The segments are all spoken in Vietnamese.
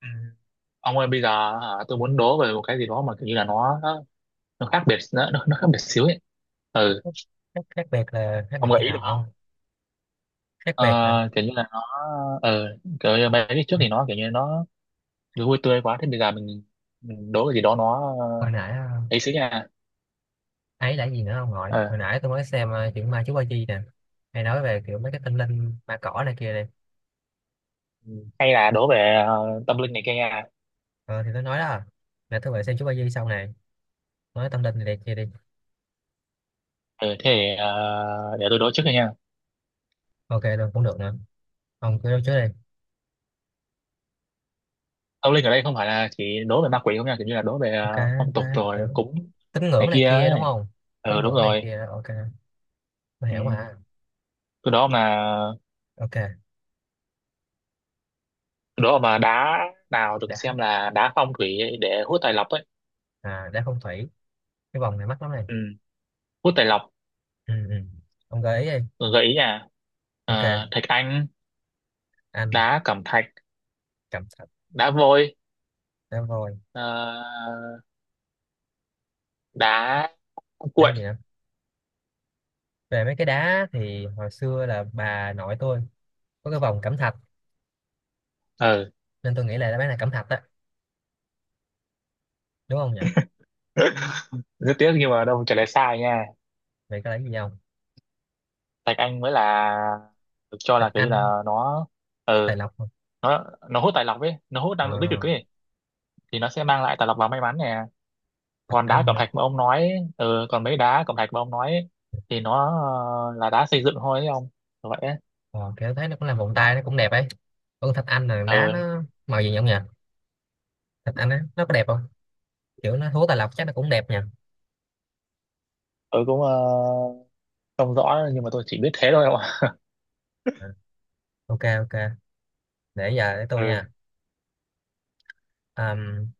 Ừ. Ông ơi bây giờ hả, tôi muốn đố về một cái gì đó mà kiểu như là nó khác biệt xíu ấy. Ừ, Khác biệt là khác ông biệt gợi thế ý được nào ông? không? Khác biệt hả? ờ, Kiểu như là nó, ờ kiểu như mấy cái trước thì nó kiểu như nó vui tươi quá. Thế bây giờ mình đố cái gì đó nó, Hồi nãy ấy xíu nha. ấy là gì nữa ông nội? Ờ. Hồi nãy tôi mới xem chuyện ma chú ba chi nè, hay nói về kiểu mấy cái tâm linh ma cỏ này kia này. Ừ. Hay là đố về tâm linh này kia nha. Ờ, thì tôi nói đó, là tôi về xem chú ba chi sau này, nói tâm linh này, này kia đi. Ừ thế thì, để tôi đố trước đi nha. Ok luôn cũng được nữa, ông cứ trước đi. Tâm linh ở đây không phải là chỉ đố về ma quỷ không nha, kiểu như là đố về Ok. Phong tục Quá kiểu rồi cúng tín này ngưỡng này kia kia đúng ấy. không. Tín Ừ đúng ngưỡng này rồi. kia, ok, tôi Ừ. hiểu mà. Tôi đố ông là Ok. đó mà đá nào được Đã. xem là đá phong thủy để hút tài lộc ấy. À, đã phong thủy. Cái vòng này mắc lắm này. Ừ. Hút tài lộc. Ừ, ừ. Ông gợi ý đi. Gợi ý nha. Ok. Ờ, thạch anh, Anh. đá cẩm thạch, Cẩm thạch. đá vôi, Đá voi. ờ, đá Đá cuội. gì đó, về mấy cái đá thì hồi xưa là bà nội tôi có cái vòng cẩm thạch, Ừ. nên tôi nghĩ là đáp án là cẩm thạch á, đúng không nhỉ? Rất tiếc nhưng mà đâu, trả lời sai nha. Vậy có lấy gì không? Thạch anh mới là được cho Thạch là kiểu như anh. là nó ừ Tài lộc không? nó nó hút tài lộc ấy, nó hút Ờ, năng lượng tích cực ấy, thì nó sẽ mang lại tài lộc và may mắn nè. thạch còn đá anh cẩm nữa. thạch mà ông nói ừ, còn mấy đá cẩm thạch mà ông nói ấy, thì nó là đá xây dựng thôi ấy ông, vậy ấy. Ờ, kiểu thấy nó cũng làm vòng tay nó cũng đẹp ấy. Còn thạch anh là đá Ừ, nó màu gì nhỉ ông nhỉ? Thạch anh á nó có đẹp không? Kiểu nó thua tài lộc chắc nó cũng đẹp nhỉ. tôi cũng không rõ nhưng mà tôi chỉ biết thế thôi ông ạ. Ờ, ok ok, để giờ để tôi Ừ. nha. Ờm,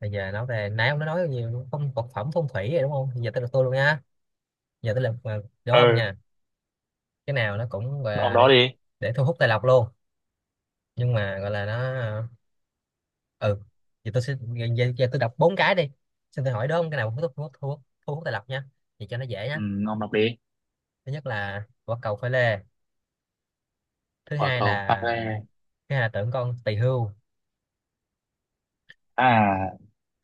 Bây giờ nói về nãy ông đã nói nhiều phong vật phẩm phong thủy rồi đúng không, giờ tới lượt tôi luôn nha. Giờ tới lượt đố ông Ừ. nha. Cái nào nó cũng gọi Ông là đó để đi. để thu hút tài lộc luôn, nhưng mà gọi là nó ờ, ừ thì tôi sẽ, giờ tôi đọc bốn cái đi, xin tôi hỏi đúng không, cái nào cũng thu hút thu hút thu hút thu hút tài lộc nha, thì cho nó dễ Ừ, nhá. ông đọc đi. Thứ nhất là quả cầu pha lê. thứ Quả hai cầu pha là lê. Thứ hai là tượng con tỳ hưu. À,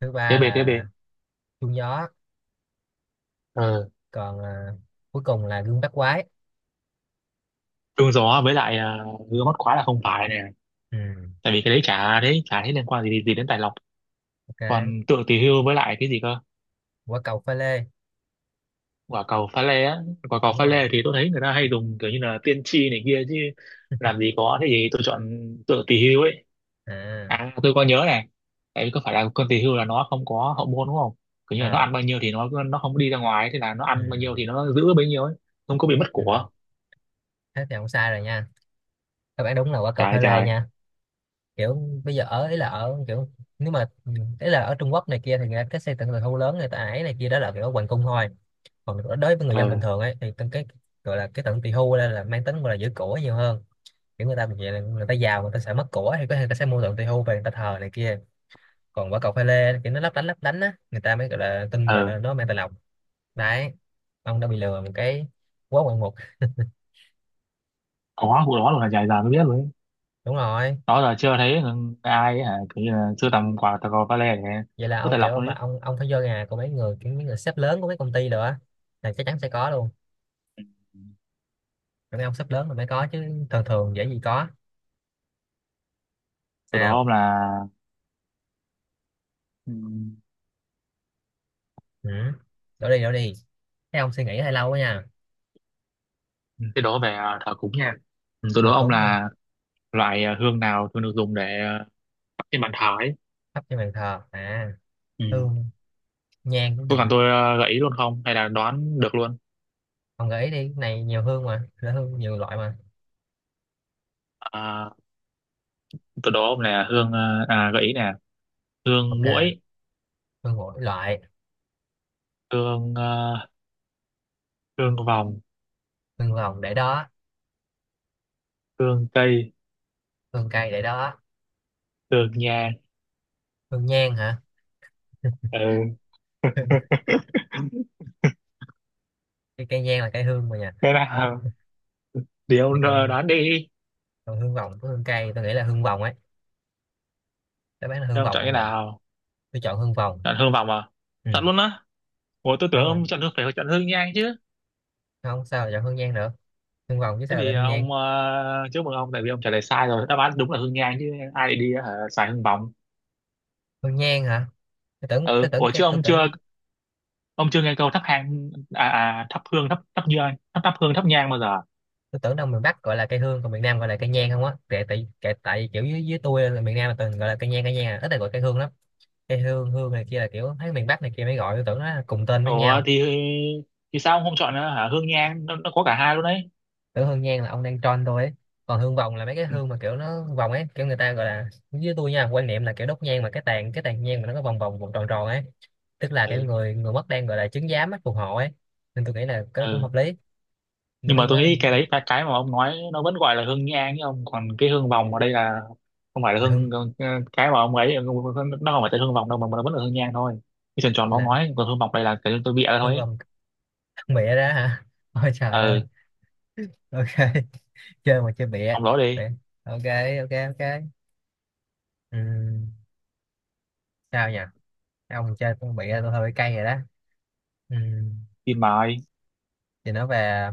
Thứ tiếp ba đi tiếp đi. là chuông gió. Ừ. Còn à, cuối cùng là gương bát quái. Trúng gió với lại gương mắt khóa là không phải nè. Ừ. Tại vì cái đấy chả thấy liên quan gì gì đến tài lộc. Ok. Còn tượng tỷ hưu với lại cái gì cơ? Quả cầu pha lê. Quả cầu pha lê á. Quả cầu Đúng pha rồi. lê thì tôi thấy người ta hay dùng kiểu như là tiên tri này kia chứ. Làm gì có, thế gì tôi chọn tượng tỷ hưu ấy. À, À, tôi có nhớ này. Tại vì có phải là con tỷ hưu là nó không có hậu môn đúng không? Kiểu như là nó ờ, ăn bao nhiêu thì nó không đi ra ngoài, thế là nó ừ. ăn bao nhiêu thì nó giữ bấy nhiêu ấy. Không có bị mất Ừ. của. Thế thì không sai rồi nha các bạn, đúng là quả cầu Trời pha lê trời. nha. Kiểu bây giờ ở ý là ở kiểu, nếu mà ý là ở Trung Quốc này kia thì người ta cái xây tận tận thu lớn người ta ấy này kia, đó là kiểu ở hoàng cung thôi. Còn đối đối với người Ờ. dân bình thường ấy thì tận cái gọi là cái tận tỳ hưu đây là mang tính gọi là giữ của nhiều hơn. Kiểu người ta vậy, là người ta giàu, người ta sợ mất của thì có thể người ta sẽ mua tận tỳ hưu về người ta thờ này kia. Còn quả cầu pha lê kiểu nó lấp lánh á, người ta mới gọi là tin vào Ờ. nó mang tài lộc. Đấy, ông đã bị lừa một cái quá ngoạn mục. Có vụ đó luôn, là dài dài mới biết luôn ấy. Đúng rồi. Đó là chưa thấy ai ấy, hả, kiểu như là sưu tầm quả cầu pha lê để Vậy là vứt ông tài lộc kiểu ông luôn phải ấy. ông phải vô nhà của mấy người, kiểu mấy người sếp lớn của mấy công ty rồi á, là chắc chắn sẽ có luôn. Ừ. Mấy ông sắp lớn rồi mới có, chứ thường thường dễ gì có. Từ đó Sao. ông là, ừ. Ừ. Đổ đi đổ đi, thấy ông suy nghĩ hơi lâu quá nha. Thế đố về thờ cúng nha. Ừ, tôi Thờ đố ông cúng không? là loại hương nào thường được dùng để thắp trên bàn thờ ấy. Thắp trên bàn thờ à? Ừ. Hương. Nhang cái Có gì? cần tôi gợi ý luôn không? Hay là đoán được luôn? Ông gợi ý đi, cái này nhiều hương mà, là hương nhiều loại mà. À, tôi đố ông là hương, gợi ý nè. Hương muỗi, Ok. Hương mỗi loại. hương à, hương vòng, Hương vòng để đó. hương cây, Hương cây để đó. hương nhang. Hương nhang hả? Ừ. Hương- cái cây nhang là cây hương mà nha. Cái nào? Thì Thì ông còn, đoán đi. còn hương vòng với hương cây, tôi nghĩ là hương vòng ấy. Đáp án là Thế hương ông vòng chọn không cái nhỉ? nào? Tôi chọn hương vòng. Chọn hương vòng à? Ừ, Chọn luôn á. Ủa tôi tưởng đúng rồi, ông chọn hương, phải chọn hương nhang chứ. không sao lại chọn hương nhang được, hương vòng chứ Thế sao thì lại hương nhang. ông, chúc mừng ông tại vì ông trả lời sai rồi, đáp án đúng là hương nhang chứ ai lại đi xài hương vòng. Hương nhang hả? Ừ, Tôi tưởng ủa cái chứ tôi ông chưa, tưởng ông chưa nghe câu thắp hang à, à thắp hương, thắp thắp nhang, thắp thắp hương, thắp nhang bao giờ? Tôi tưởng đâu miền Bắc gọi là cây hương còn miền Nam gọi là cây nhang không á, tại kiểu dưới dưới tôi là miền Nam là từng gọi là cây nhang à. Ít là gọi cây hương lắm. Cây hương hương này kia là kiểu thấy miền Bắc này kia mới gọi, tôi tưởng nó là cùng tên với Ủa nhau. thì sao ông không chọn hả hương nhang, nó có cả hai luôn đấy. Tưởng hương nhang là ông đang tròn tôi ấy. Còn hương vòng là mấy cái Ừ. hương mà kiểu nó vòng ấy, kiểu người ta gọi là dưới tôi nha, quan niệm là kiểu đốt nhang mà cái tàn nhang mà nó có vòng vòng vòng tròn tròn ấy, tức là cái Ừ. người người mất đang gọi là chứng giám á, phù hộ ấy, nên tôi nghĩ là cái đó cũng Ừ. hợp lý, nên Nhưng mới mà tôi nói là, nghĩ cái đấy, cái mà ông nói nó vẫn gọi là hương nhang chứ ông, còn cái hương vòng ở đây là không phải là là hương, hương cái mà ông ấy, nó không phải tên hương vòng đâu mà nó vẫn là hương nhang thôi. Cái tròn tròn mà ông là nói, còn hương vòng đây là cái tôi bịa ra thôi hương ấy. vòng. Mẹ ra hả? Ôi trời ơi. Ờ. Ok. Chơi mà chơi bịa. Ông đó đi. Bịa. Ok ok ok. Ừm, Sao nhỉ? Cái ông chơi con bịa tôi hơi cay rồi đó. Ừm, Phim mà ai. thì nói về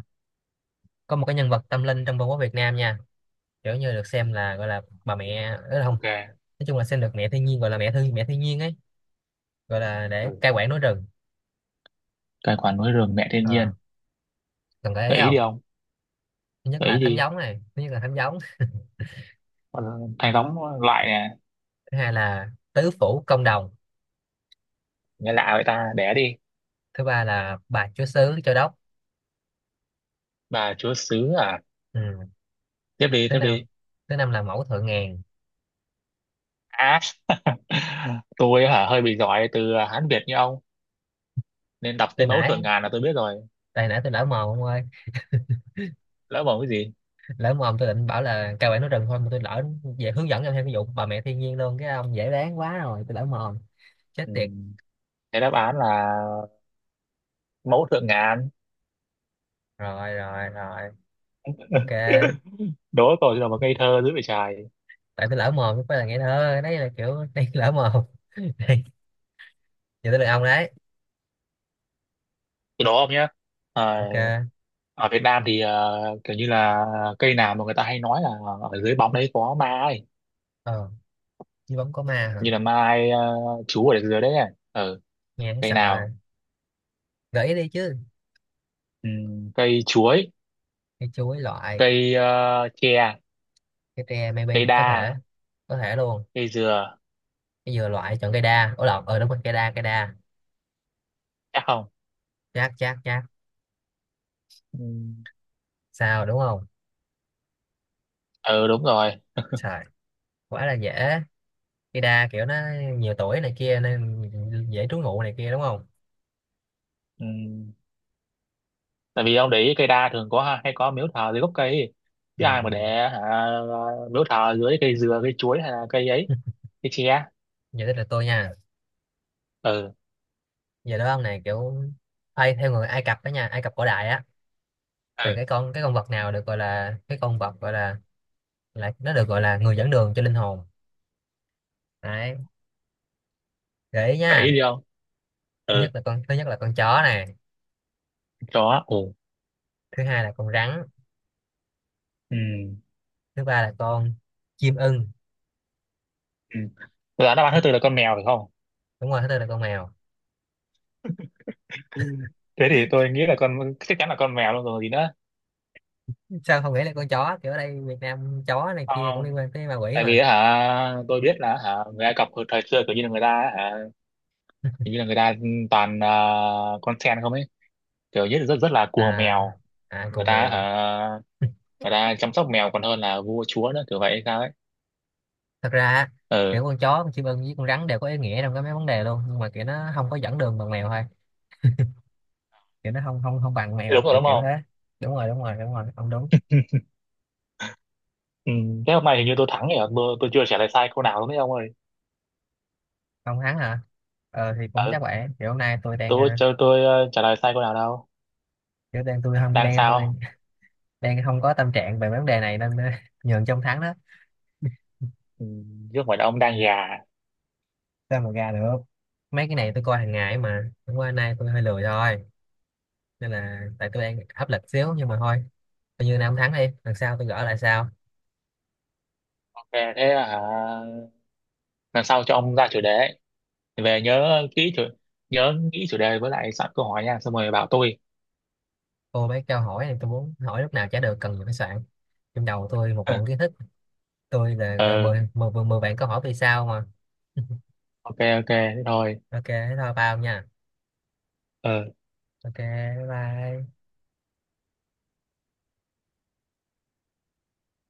có một cái nhân vật tâm linh trong Vương quốc Việt Nam nha, kiểu như được xem là gọi là bà mẹ ấy không, OK. nói chung là xem được mẹ thiên nhiên, gọi là mẹ thiên nhiên ấy, gọi là để Ừ. cai quản núi rừng. Tài khoản núi rừng, mẹ thiên nhiên. Ờ, cần gợi ý Gợi ý đi không? ông. Gợi ý đi. Thứ nhất là thánh giống. Ờ, thằng đóng loại nè. Thứ hai là tứ phủ công đồng. Nghe lạ vậy ta, đẻ đi. Thứ ba là bà chúa xứ châu đốc. Bà chúa xứ à. Ừm, Tiếp đi thứ tiếp năm đi. Thứ năm là mẫu thượng ngàn. À, tôi hả hơi bị giỏi từ Hán Việt như ông nên đọc cái Tên mẫu thượng nãy, ngàn là tôi biết rồi. tại nãy tôi lỡ mồm ông ơi. Lỡ mồm cái gì? Lỡ mồm tôi định bảo là cao bản nói rừng thôi mà tôi lỡ, về hướng dẫn em thêm cái vụ bà mẹ thiên nhiên luôn, cái ông dễ đoán quá rồi, tôi lỡ mồm. Chết Ừ. tiệt. Cái đáp án là mẫu thượng ngàn. Rồi rồi rồi, ok. Đố tôi là một ngây thơ dữ vậy trời. Tại tôi lỡ mồm chứ không phải là ngây thơ, đấy là kiểu đây lỡ mồm. Đây, giờ tới lượt ông đấy. Tôi đố ông nhé. Ok. Ở Việt Nam thì kiểu như là cây nào mà người ta hay nói là ở dưới bóng đấy có ma ấy? Ờ, chứ bóng có ma hả? Như là mai, chú ở dưới đấy này. Ừ, Nghe thấy cây sợ nào? rồi. Gợi ý đi chứ. Cây chuối. Cây chuối loại. Cây, tre. Cái tre maybe Cây có thể. đa. Có thể luôn. Cây dừa. Cái dừa loại, chọn cây đa, ủa lộn, ờ đúng rồi, cây đa cây đa. Chắc không? Chát chát chát. Ừm. Sao, đúng không? Ừ đúng rồi. Trời, quá là dễ. Ida kiểu nó nhiều tuổi này kia nên dễ trú ngụ này kia đúng không. Ừm, tại vì ông để ý cây đa thường có, hay có miếu thờ dưới gốc cây ấy. Chứ Ừ, ai mà ừ. để hả, miếu thờ dưới cây dừa, cây chuối, hay là cây ấy, cây tre. Giờ tới lượt tôi nha. Ừ. Giờ đó ông này kiểu, ai theo người Ai Cập đó nha, Ai Cập cổ đại á, thì Ừ, cái con vật nào được gọi là cái con vật gọi là nó được gọi là người dẫn đường cho linh hồn. Đấy, gợi ý để ý nha. đi không? Ừ. Thứ nhất là con chó này. Chó. Ừ. Thứ hai là con rắn. Ừm. Thứ ba là con chim ưng. Ừ. Là đáp án thứ tư là con mèo phải không? Đúng rồi, thứ tư là con mèo. Ừ. Thế thì tôi nghĩ là con chắc chắn là con mèo luôn rồi gì nữa. Sao không nghĩ là con chó, kiểu ở đây Việt Nam chó này Không, kia cũng không. liên quan tới ma quỷ Tại vì mà. á hả tôi biết là hả, người Ai Cập hồi thời xưa kiểu như là người ta á hả, kiểu như là người ta toàn con sen không ấy, kiểu như là rất rất là cuồng À. mèo. À Người cùng ta mèo hả, à. người ta chăm sóc mèo còn hơn là vua chúa nữa kiểu vậy hay sao ấy. Thật ra á, Ừ, kiểu con chó, con chim ưng với con rắn đều có ý nghĩa trong cái mấy vấn đề luôn, nhưng mà kiểu nó không có dẫn đường bằng mèo thôi, kiểu nó không không không bằng thế đúng mèo, rồi kiểu đúng kiểu thế. không? Đúng rồi đúng rồi đúng rồi, ông đúng. Ừ, thế hôm nay hình như tôi thắng rồi, tôi chưa trả lời sai câu nào đúng không ông ơi? Ông thắng hả? Ờ thì cũng Ừ, chắc vậy, kiểu hôm nay tôi đang tôi trả lời sai câu nào đâu. kiểu đang tôi không Đang đang tôi sao? đang, đang không có tâm trạng về vấn đề này nên nhường trong thắng đó. Ừ, chứ không phải là ông đang gà. Sao mà gà được, mấy cái này tôi coi hàng ngày ấy mà, hôm qua nay tôi hơi lười thôi, nên là tại tôi đang áp lực xíu nhưng mà thôi, coi như nay ông thắng đi, lần sau tôi gỡ lại sau. Thế thế à, lần sau cho ông ra chủ đề ấy. Về nhớ nghĩ chủ đề với lại soạn câu hỏi nha, xong rồi bảo tôi. Cô mấy câu hỏi này tôi muốn hỏi lúc nào chả được, cần phải soạn, trong đầu tôi một bụng kiến thức. Tôi là gọi là Ờ, mười bạn câu hỏi vì sao mà OK OK thế thôi. ok thế thôi bao nha. Ờ. Ok, bye bye.